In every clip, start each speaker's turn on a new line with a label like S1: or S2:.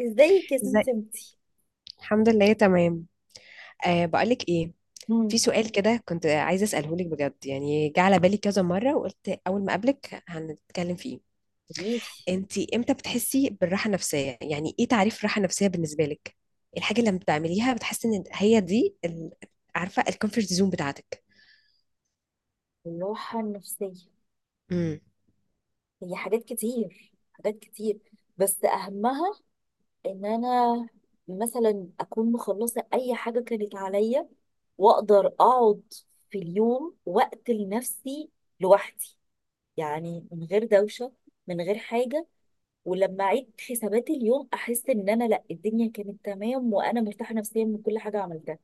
S1: ازيك يا
S2: ازاي.
S1: سمسمتي.
S2: الحمد لله تمام. أه، بقولك ايه؟ في
S1: مم.
S2: سؤال كده كنت عايزه اساله لك بجد، يعني جه على بالي كذا مره وقلت اول ما اقابلك هنتكلم فيه.
S1: قوليلي.
S2: انتي امتى بتحسي بالراحه النفسيه؟ يعني ايه تعريف راحه نفسيه بالنسبه لك؟ الحاجه اللي لما بتعمليها بتحسي ان هي دي عارفه، الكومفورت زون بتاعتك.
S1: الراحة النفسية هي حاجات كتير، حاجات كتير، بس أهمها إن أنا مثلا أكون مخلصة أي حاجة كانت عليا، وأقدر أقعد في اليوم وقت لنفسي لوحدي، يعني من غير دوشة، من غير حاجة. ولما أعيد حسابات اليوم أحس إن أنا لأ، الدنيا كانت تمام وأنا مرتاحة نفسيا من كل حاجة عملتها.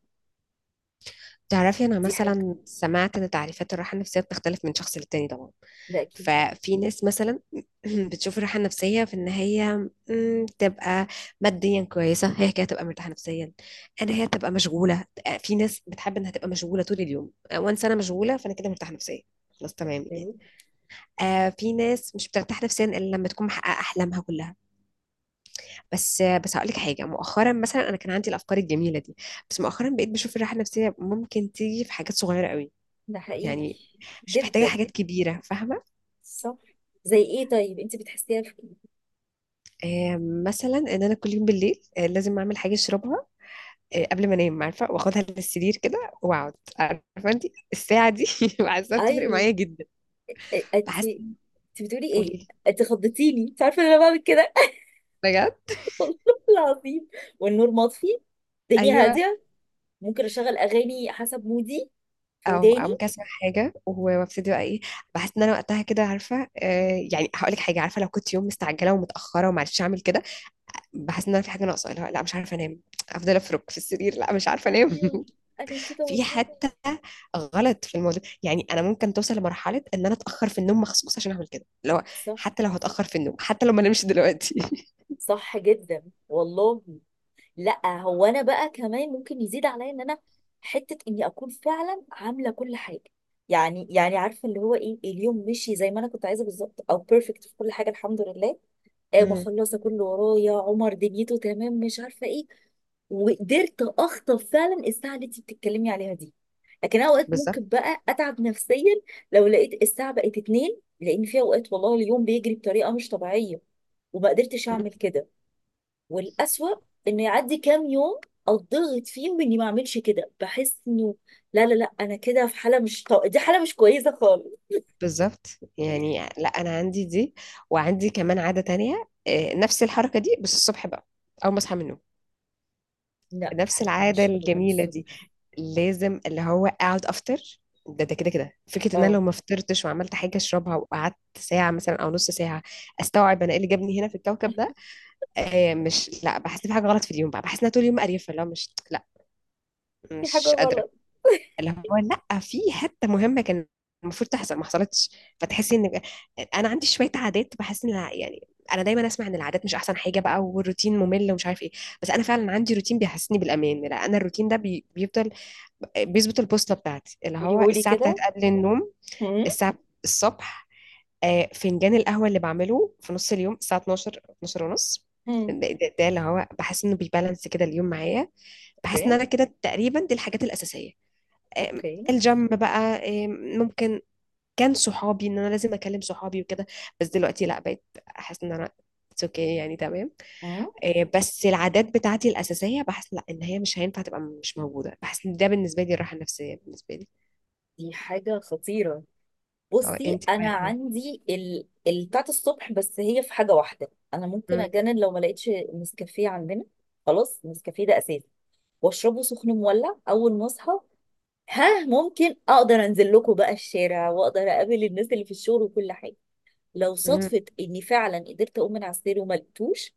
S2: تعرفي، أنا
S1: دي حاجة،
S2: مثلا سمعت إن تعريفات الراحة النفسية بتختلف من شخص للتاني طبعا.
S1: ده أكيد.
S2: ففي ناس مثلا بتشوف الراحة النفسية في إن هي، تبقى ماديا كويسة، هي كده تبقى مرتاحة نفسيا. أنا هي تبقى مشغولة. في ناس بتحب إنها تبقى مشغولة طول اليوم، وانس أنا مشغولة فأنا كده مرتاحة نفسيا. خلاص تمام يعني. آه، في ناس مش بترتاح نفسيا إلا لما تكون محققة أحلامها كلها. بس هقول لك حاجة، مؤخرا مثلا أنا كان عندي الأفكار الجميلة دي. بس مؤخرا بقيت بشوف الراحة النفسية ممكن تيجي في حاجات صغيرة قوي.
S1: ده حقيقي
S2: يعني مش محتاجة
S1: جدا،
S2: حاجات كبيرة، فاهمة؟
S1: صح. زي ايه طيب؟ انت بتحسيها في إيه؟
S2: آه، مثلا ان انا كل يوم بالليل، لازم اعمل حاجة اشربها. قبل ما انام، عارفة، واخدها للسرير كده واقعد، عارفة انت، الساعة دي بحسها بتفرق
S1: ايوه.
S2: معايا جدا.
S1: إيه- انت
S2: بحس.
S1: انت بتقولي
S2: قولي
S1: ايه؟
S2: لي.
S1: انت خضتيني، انت عارفه ان انا بعمل كده.
S2: بجد؟
S1: والله العظيم، والنور مطفي، الدنيا
S2: ايوه،
S1: هاديه، ممكن اشغل اغاني حسب مودي في
S2: او
S1: وداني.
S2: ممكن اسمع حاجة وابتدي، بقى ايه. بحس ان انا وقتها كده، عارفة، يعني هقول لك حاجة، عارفة، لو كنت يوم مستعجلة ومتأخرة ومعرفتش اعمل كده. بحس ان انا في حاجة ناقصة، لا لا مش عارفة انام. افضل افرك في السرير، لا مش عارفة انام
S1: ايوه انا كده
S2: في
S1: والله.
S2: حتى غلط في الموضوع، يعني انا ممكن توصل لمرحله ان انا اتاخر في النوم مخصوص عشان اعمل كده،
S1: صح،
S2: حتى لو هتاخر في النوم، حتى لو ما نمش دلوقتي
S1: صح جدا والله. لا هو انا بقى كمان ممكن يزيد عليا ان انا حته اني اكون فعلا عامله كل حاجه، يعني عارفه اللي هو ايه، اليوم مشي زي ما انا كنت عايزه بالظبط او بيرفكت في كل حاجه، الحمد لله. آه،
S2: مم.
S1: مخلصه كله ورايا، عمر دنيته تمام مش عارفه ايه. وقدرت اخطف فعلا الساعه اللي انت بتتكلمي عليها دي. لكن أنا اوقات
S2: بالظبط.
S1: ممكن بقى اتعب نفسيا لو لقيت الساعه بقت اتنين، لان في اوقات والله اليوم بيجري بطريقه مش طبيعيه وما قدرتش
S2: مم.
S1: اعمل كده. والأسوأ انه يعدي كام يوم اتضغط فيهم اني ما اعملش كده، بحس انه لا انا كده في حاله مش طو... دي حاله مش كويسه خالص.
S2: بالظبط. يعني لا، انا عندي دي، وعندي كمان عاده تانية، نفس الحركه دي بس الصبح بقى. اول ما اصحى من النوم،
S1: لا ما
S2: نفس العاده
S1: بحبهاش ابدا
S2: الجميله دي.
S1: الصبح.
S2: لازم اللي هو اقعد افطر. ده كده كده فكره ان انا
S1: اه،
S2: لو ما فطرتش وعملت حاجه اشربها، وقعدت ساعه مثلا او نص ساعه، استوعب انا ايه اللي جابني هنا في الكوكب ده. مش، لا، بحس بحاجه غلط في اليوم بقى. بحس ان أنا طول اليوم قريفه، اللي هو مش، لا،
S1: في حاجه
S2: مش قادره.
S1: غلط.
S2: اللي هو، لا، في حته مهمه كان المفروض تحصل ما حصلتش. فتحسي ان انا عندي شويه عادات، بحس ان يعني انا دايما اسمع ان العادات مش احسن حاجه بقى، والروتين ممل ومش عارف ايه. بس انا فعلا عندي روتين بيحسسني بالامان. لا، انا الروتين ده بيفضل بيظبط البوصله بتاعتي، اللي هو
S1: قوليهولي
S2: الساعه بتاعت
S1: كده.
S2: قبل النوم.
S1: هم؟
S2: الساعه الصبح، فنجان القهوة اللي بعمله في نص اليوم الساعة 12 12 ونص.
S1: هم.
S2: ده اللي هو بحس انه بيبالانس كده اليوم معايا. بحس ان
S1: اوكي.
S2: انا كده تقريبا دي الحاجات الأساسية. آم،
S1: اوكي.
S2: الجيم بقى. آم، ممكن، كان صحابي ان انا لازم اكلم صحابي وكده، بس دلوقتي لا، بقيت احس ان انا اتس اوكي يعني تمام.
S1: هم؟
S2: بس العادات بتاعتي الأساسية بحس لا، ان هي مش هينفع تبقى مش موجودة. بحس ان ده بالنسبة لي الراحة النفسية بالنسبة لي.
S1: دي حاجة خطيرة.
S2: اه،
S1: بصي
S2: انت بقى
S1: انا
S2: ايه؟
S1: عندي بتاعت الصبح، بس هي في حاجة واحدة. انا ممكن
S2: مم.
S1: اجنن لو ما لقيتش نسكافيه عندنا. خلاص، نسكافيه ده اساسي، واشربه سخن مولع اول ما اصحى. ها، ممكن اقدر انزل لكم بقى الشارع واقدر اقابل الناس اللي في الشغل وكل حاجة. لو
S2: مم.
S1: صدفة اني فعلا قدرت اقوم من على السرير وما لقيتوش،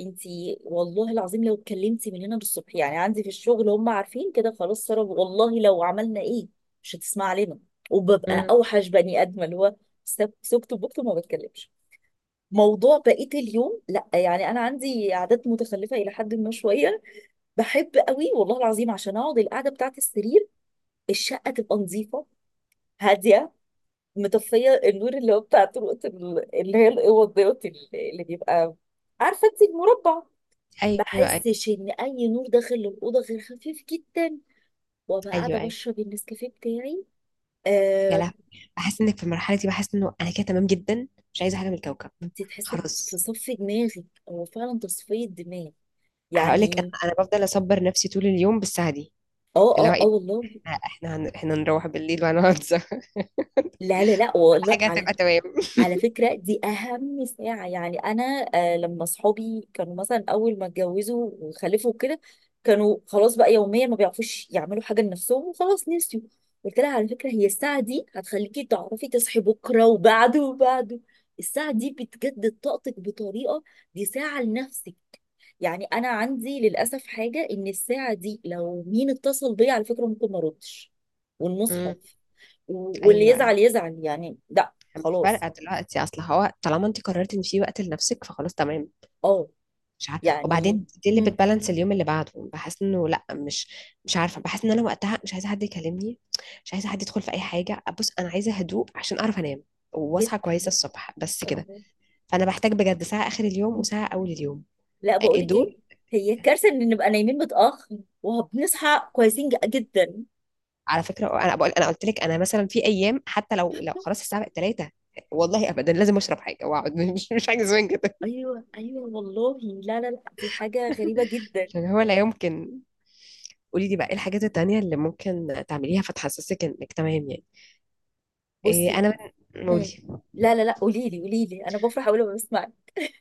S1: انتي والله العظيم لو اتكلمتي من هنا للصبح، يعني عندي في الشغل هم عارفين كده، خلاص سارة والله لو عملنا ايه مش هتسمع لنا، وببقى
S2: مم.
S1: اوحش بني ادمه، اللي هو سكت بكت وما بتكلمش. موضوع بقية اليوم، لا يعني انا عندي عادات متخلفة الى حد ما شوية. بحب قوي والله العظيم عشان اقعد القعدة بتاعت السرير، الشقة تبقى نظيفة هادية، مطفيه النور اللي هو بتاع طرقه اللي هي الاوض دوت، اللي بيبقى عارفه انت المربع، ما
S2: ايوه، ايوه،
S1: احسش ان اي نور داخل الاوضه غير خفيف جدا، وابقى
S2: ايوه،
S1: قاعده
S2: أيوه.
S1: بشرب النسكافيه بتاعي.
S2: يا
S1: آه،
S2: لهوي. بحس انك في المرحله دي، بحس انه انا كده تمام جدا، مش عايزه حاجه من الكوكب.
S1: انت تحسي في
S2: خلاص،
S1: صف دماغك، هو فعلا تصفيه دماغ
S2: هقول لك انا
S1: يعني.
S2: انا بفضل اصبر نفسي طول اليوم بالساعه دي.
S1: اه
S2: اللي هو
S1: اه اه
S2: ايه،
S1: والله.
S2: احنا هنروح بالليل وهنقعد سوا
S1: لا
S2: كل
S1: والله.
S2: حاجه
S1: على
S2: هتبقى تمام
S1: على فكرة دي أهم ساعة. يعني أنا آه لما صحابي كانوا مثلا أول ما اتجوزوا وخلفوا كده، كانوا خلاص بقى يوميا ما بيعرفوش يعملوا حاجة لنفسهم، وخلاص نسيوا. قلت لها على فكرة هي الساعة دي هتخليكي تعرفي تصحي بكرة وبعده وبعده. الساعة دي بتجدد طاقتك بطريقة، دي ساعة لنفسك. يعني أنا عندي للأسف حاجة، إن الساعة دي لو مين اتصل بيا على فكرة ممكن ما أردش،
S2: امم
S1: والمصحف. واللي
S2: ايوه، ايوه،
S1: يزعل يزعل، يعني لا
S2: مش
S1: خلاص.
S2: فارقه دلوقتي، اصل هو طالما انت قررتي ان في وقت لنفسك فخلاص تمام.
S1: اه
S2: مش عارفه،
S1: يعني.
S2: وبعدين دي اللي
S1: مم.
S2: بتبالانس اليوم اللي بعده. بحس انه لا، مش عارفه. بحس ان انا وقتها مش عايزه حد يكلمني، مش عايزه حد يدخل في اي حاجه. بص، انا عايزه هدوء عشان اعرف انام واصحى كويسه
S1: جدا،
S2: الصبح، بس كده.
S1: الله.
S2: فانا بحتاج بجد ساعه اخر اليوم
S1: مم.
S2: وساعه اول اليوم،
S1: لا بقول لك ايه،
S2: دول
S1: هي كارثه ان نبقى نايمين متاخر وبنصحى كويسين جدا.
S2: على فكره. انا بقول، انا قلت لك، انا مثلا في ايام حتى لو خلاص الساعه بقت 3، والله ابدا لازم اشرب حاجه واقعد مش حاجه زمان كده.
S1: ايوه ايوه والله. لا دي حاجه غريبه جدا.
S2: عشان هو لا يمكن. قولي لي بقى ايه الحاجات التانية اللي ممكن تعمليها فتحسسك انك تمام يعني. إيه
S1: بصي.
S2: انا؟ قولي.
S1: مم. لا قولي لي، قولي لي، انا بفرح اول ما بسمع.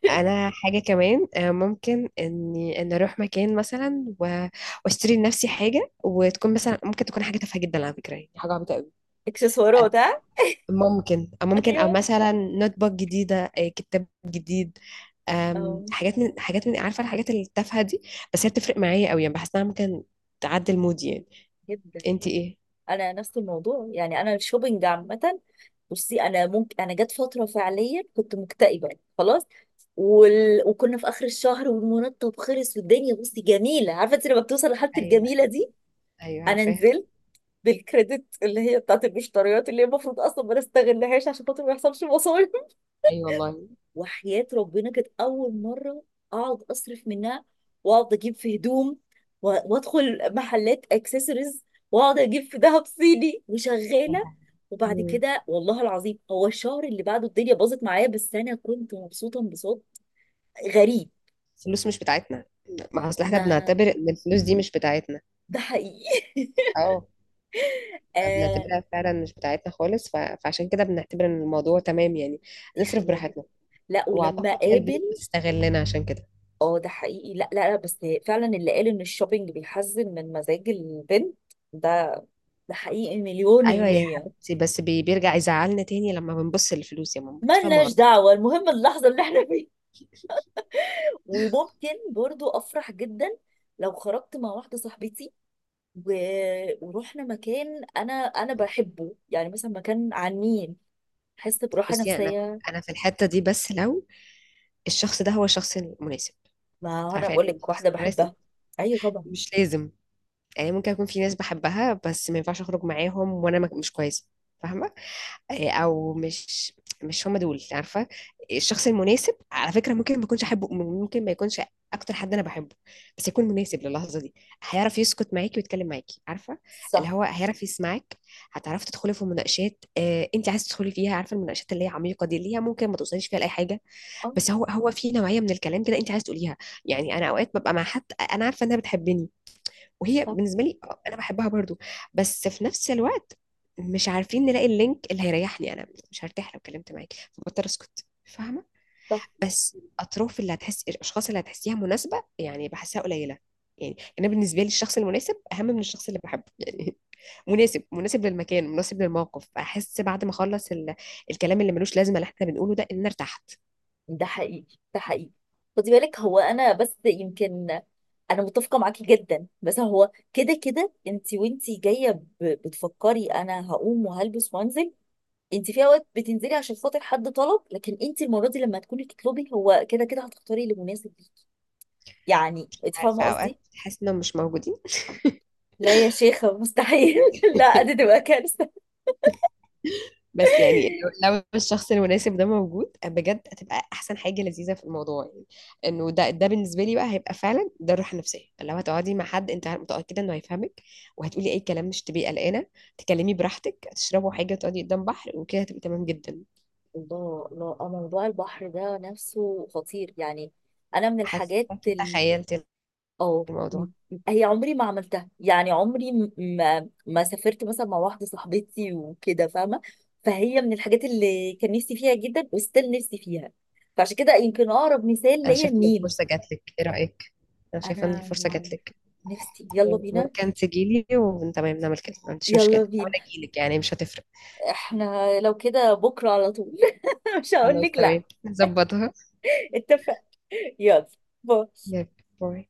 S2: انا حاجه كمان، ممكن اني اروح مكان مثلا واشتري لنفسي حاجه، وتكون مثلا ممكن تكون حاجه تافهه جدا على فكره، يعني حاجه عبيطه قوي.
S1: اكسسوارات
S2: آه،
S1: ها.
S2: ممكن او ممكن او
S1: ايوه.
S2: مثلا نوت بوك جديده، كتاب جديد.
S1: اه
S2: حاجات من عارفه الحاجات التافهه دي. بس هي بتفرق معايا قوي، يعني بحس انها ممكن تعدل مودي يعني.
S1: جدا.
S2: انت ايه؟
S1: انا نفس الموضوع، يعني انا الشوبينج عامه. بصي انا ممكن، انا جت فتره فعليا كنت مكتئبه، خلاص، وكنا في اخر الشهر والمرتب خلص والدنيا، بصي جميله عارفه انت لما بتوصل لحاله
S2: ايوه،
S1: الجميله دي.
S2: ايوه،
S1: انا
S2: عارفاها.
S1: نزلت بالكريدت اللي هي بتاعت المشتريات اللي هي المفروض اصلا ما نستغلهاش عشان خاطر ما يحصلش.
S2: ايوه والله،
S1: وحياة ربنا كانت أول مرة أقعد أصرف منها، وأقعد أجيب في هدوم، وأدخل محلات أكسسوارز، وأقعد أجيب في دهب صيني وشغالة.
S2: عارفاها.
S1: وبعد
S2: مم.
S1: كده والله العظيم هو الشهر اللي بعده الدنيا باظت معايا، بس أنا كنت مبسوطة انبساط غريب.
S2: الفلوس مش بتاعتنا. ما اصل احنا
S1: ما
S2: بنعتبر ان الفلوس دي مش بتاعتنا.
S1: ده حقيقي.
S2: اه،
S1: آه،
S2: فبنعتبرها فعلا مش بتاعتنا خالص، فعشان كده بنعتبر ان الموضوع تمام يعني.
S1: دي
S2: نصرف
S1: حقيقة جدا.
S2: براحتنا.
S1: لا ولما
S2: واعتقد هي
S1: قابل،
S2: البنوك بتستغلنا عشان كده.
S1: اه ده حقيقي. لا لا لا بس فعلا اللي قال ان الشوبينج بيحزن من مزاج البنت، ده ده حقيقي مليون
S2: ايوه يا
S1: المية.
S2: حبيبتي، بس بيرجع يزعلنا تاني لما بنبص للفلوس، يا ماما انت فاهمه
S1: ملناش
S2: غلط.
S1: دعوة، المهم اللحظة اللي احنا فيها. وممكن برضو أفرح جدا لو خرجت مع واحدة صاحبتي، و... ورحنا مكان أنا بحبه، يعني مثلا مكان عن مين، أحس براحة
S2: بصي، انا
S1: نفسية.
S2: انا في الحته دي بس لو الشخص ده هو الشخص المناسب.
S1: ما أنا
S2: عارفه يعني
S1: بقول
S2: إيه
S1: لك
S2: الشخص
S1: واحدة
S2: المناسب.
S1: بحبها. أيوة طبعا.
S2: مش لازم، يعني ممكن يكون في ناس بحبها بس ما ينفعش اخرج معاهم وانا مش كويسه، فاهمه؟ او، مش هم دول عارفه، الشخص المناسب على فكره ممكن ما يكونش احبه، ممكن ما يكونش اكتر حد انا بحبه. بس يكون مناسب للحظه دي. هيعرف يسكت معاكي ويتكلم معاكي، عارفه. اللي
S1: صح.
S2: هو هيعرف يسمعك. هتعرفي تدخلي في مناقشات انت عايزه تدخلي فيها، عارفه المناقشات اللي هي عميقه دي، اللي هي ممكن ما توصليش فيها لاي حاجه.
S1: آه،
S2: بس هو في نوعيه من الكلام كده انت عايزه تقوليها. يعني انا اوقات ببقى مع حد، انا عارفه انها بتحبني، وهي
S1: صح.
S2: بالنسبه لي، انا بحبها برضو. بس في نفس الوقت مش عارفين نلاقي اللينك. اللي هيريحني انا مش هرتاح لو اتكلمت معاك، فبضطر اسكت، فاهمه.
S1: صح.
S2: بس اطراف اللي هتحس، الاشخاص اللي هتحسيها مناسبه يعني بحسها قليله. يعني انا بالنسبه لي الشخص المناسب اهم من الشخص اللي بحبه يعني. مناسب، مناسب للمكان، مناسب للموقف. احس بعد ما اخلص الكلام اللي ملوش لازمه اللي احنا بنقوله ده ان انا ارتحت.
S1: ده حقيقي، ده حقيقي. خدي بالك هو أنا بس يمكن، أنا متفقة معاكي جدا بس هو كده كده أنت، وأنت جاية بتفكري أنا هقوم وهلبس وأنزل. انت في اوقات بتنزلي عشان خاطر حد طلب، لكن انت المره دي لما تكوني تطلبي هو كده كده هتختاري اللي مناسب ليكي، يعني انت
S2: عارفه
S1: فاهمه
S2: اوقات
S1: قصدي.
S2: تحس انهم مش موجودين
S1: لا يا شيخه مستحيل. لا دي تبقى كارثه.
S2: بس يعني لو الشخص المناسب ده موجود بجد، هتبقى احسن حاجه لذيذه في الموضوع. يعني انه ده بالنسبه لي بقى هيبقى فعلا ده الراحه النفسيه. لو هتقعدي مع حد انت متاكده انه هيفهمك، وهتقولي اي كلام مش تبقي قلقانه، تكلمي براحتك، تشربوا حاجه، تقعدي قدام بحر وكده، هتبقي تمام جدا.
S1: الله الله. آه، موضوع البحر ده نفسه خطير يعني. انا من الحاجات
S2: حاساكي تخيلتي
S1: اه م-
S2: الموضوع.
S1: هي عمري ما عملتها، يعني عمري ما ما سافرت مثلا مع واحده صاحبتي وكده، فاهمه؟ فهي من الحاجات اللي كان نفسي فيها جدا، وستيل نفسي فيها. فعشان كده يمكن اقرب مثال
S2: انا
S1: ليا
S2: شايفه ان
S1: النيل.
S2: الفرصه جات لك، ايه رايك؟ انا شايفه ان
S1: انا
S2: الفرصه جات لك.
S1: نفسي، يلا بينا.
S2: ممكن تجيلي وتمام، نعمل كده ما عنديش مشكله،
S1: يلا
S2: او
S1: بينا،
S2: انا اجيلك يعني مش هتفرق.
S1: احنا لو كده بكره على طول. مش هقول
S2: خلاص
S1: لك لا.
S2: تمام، نظبطها.
S1: اتفق. يلا، باي.
S2: يلا، باي.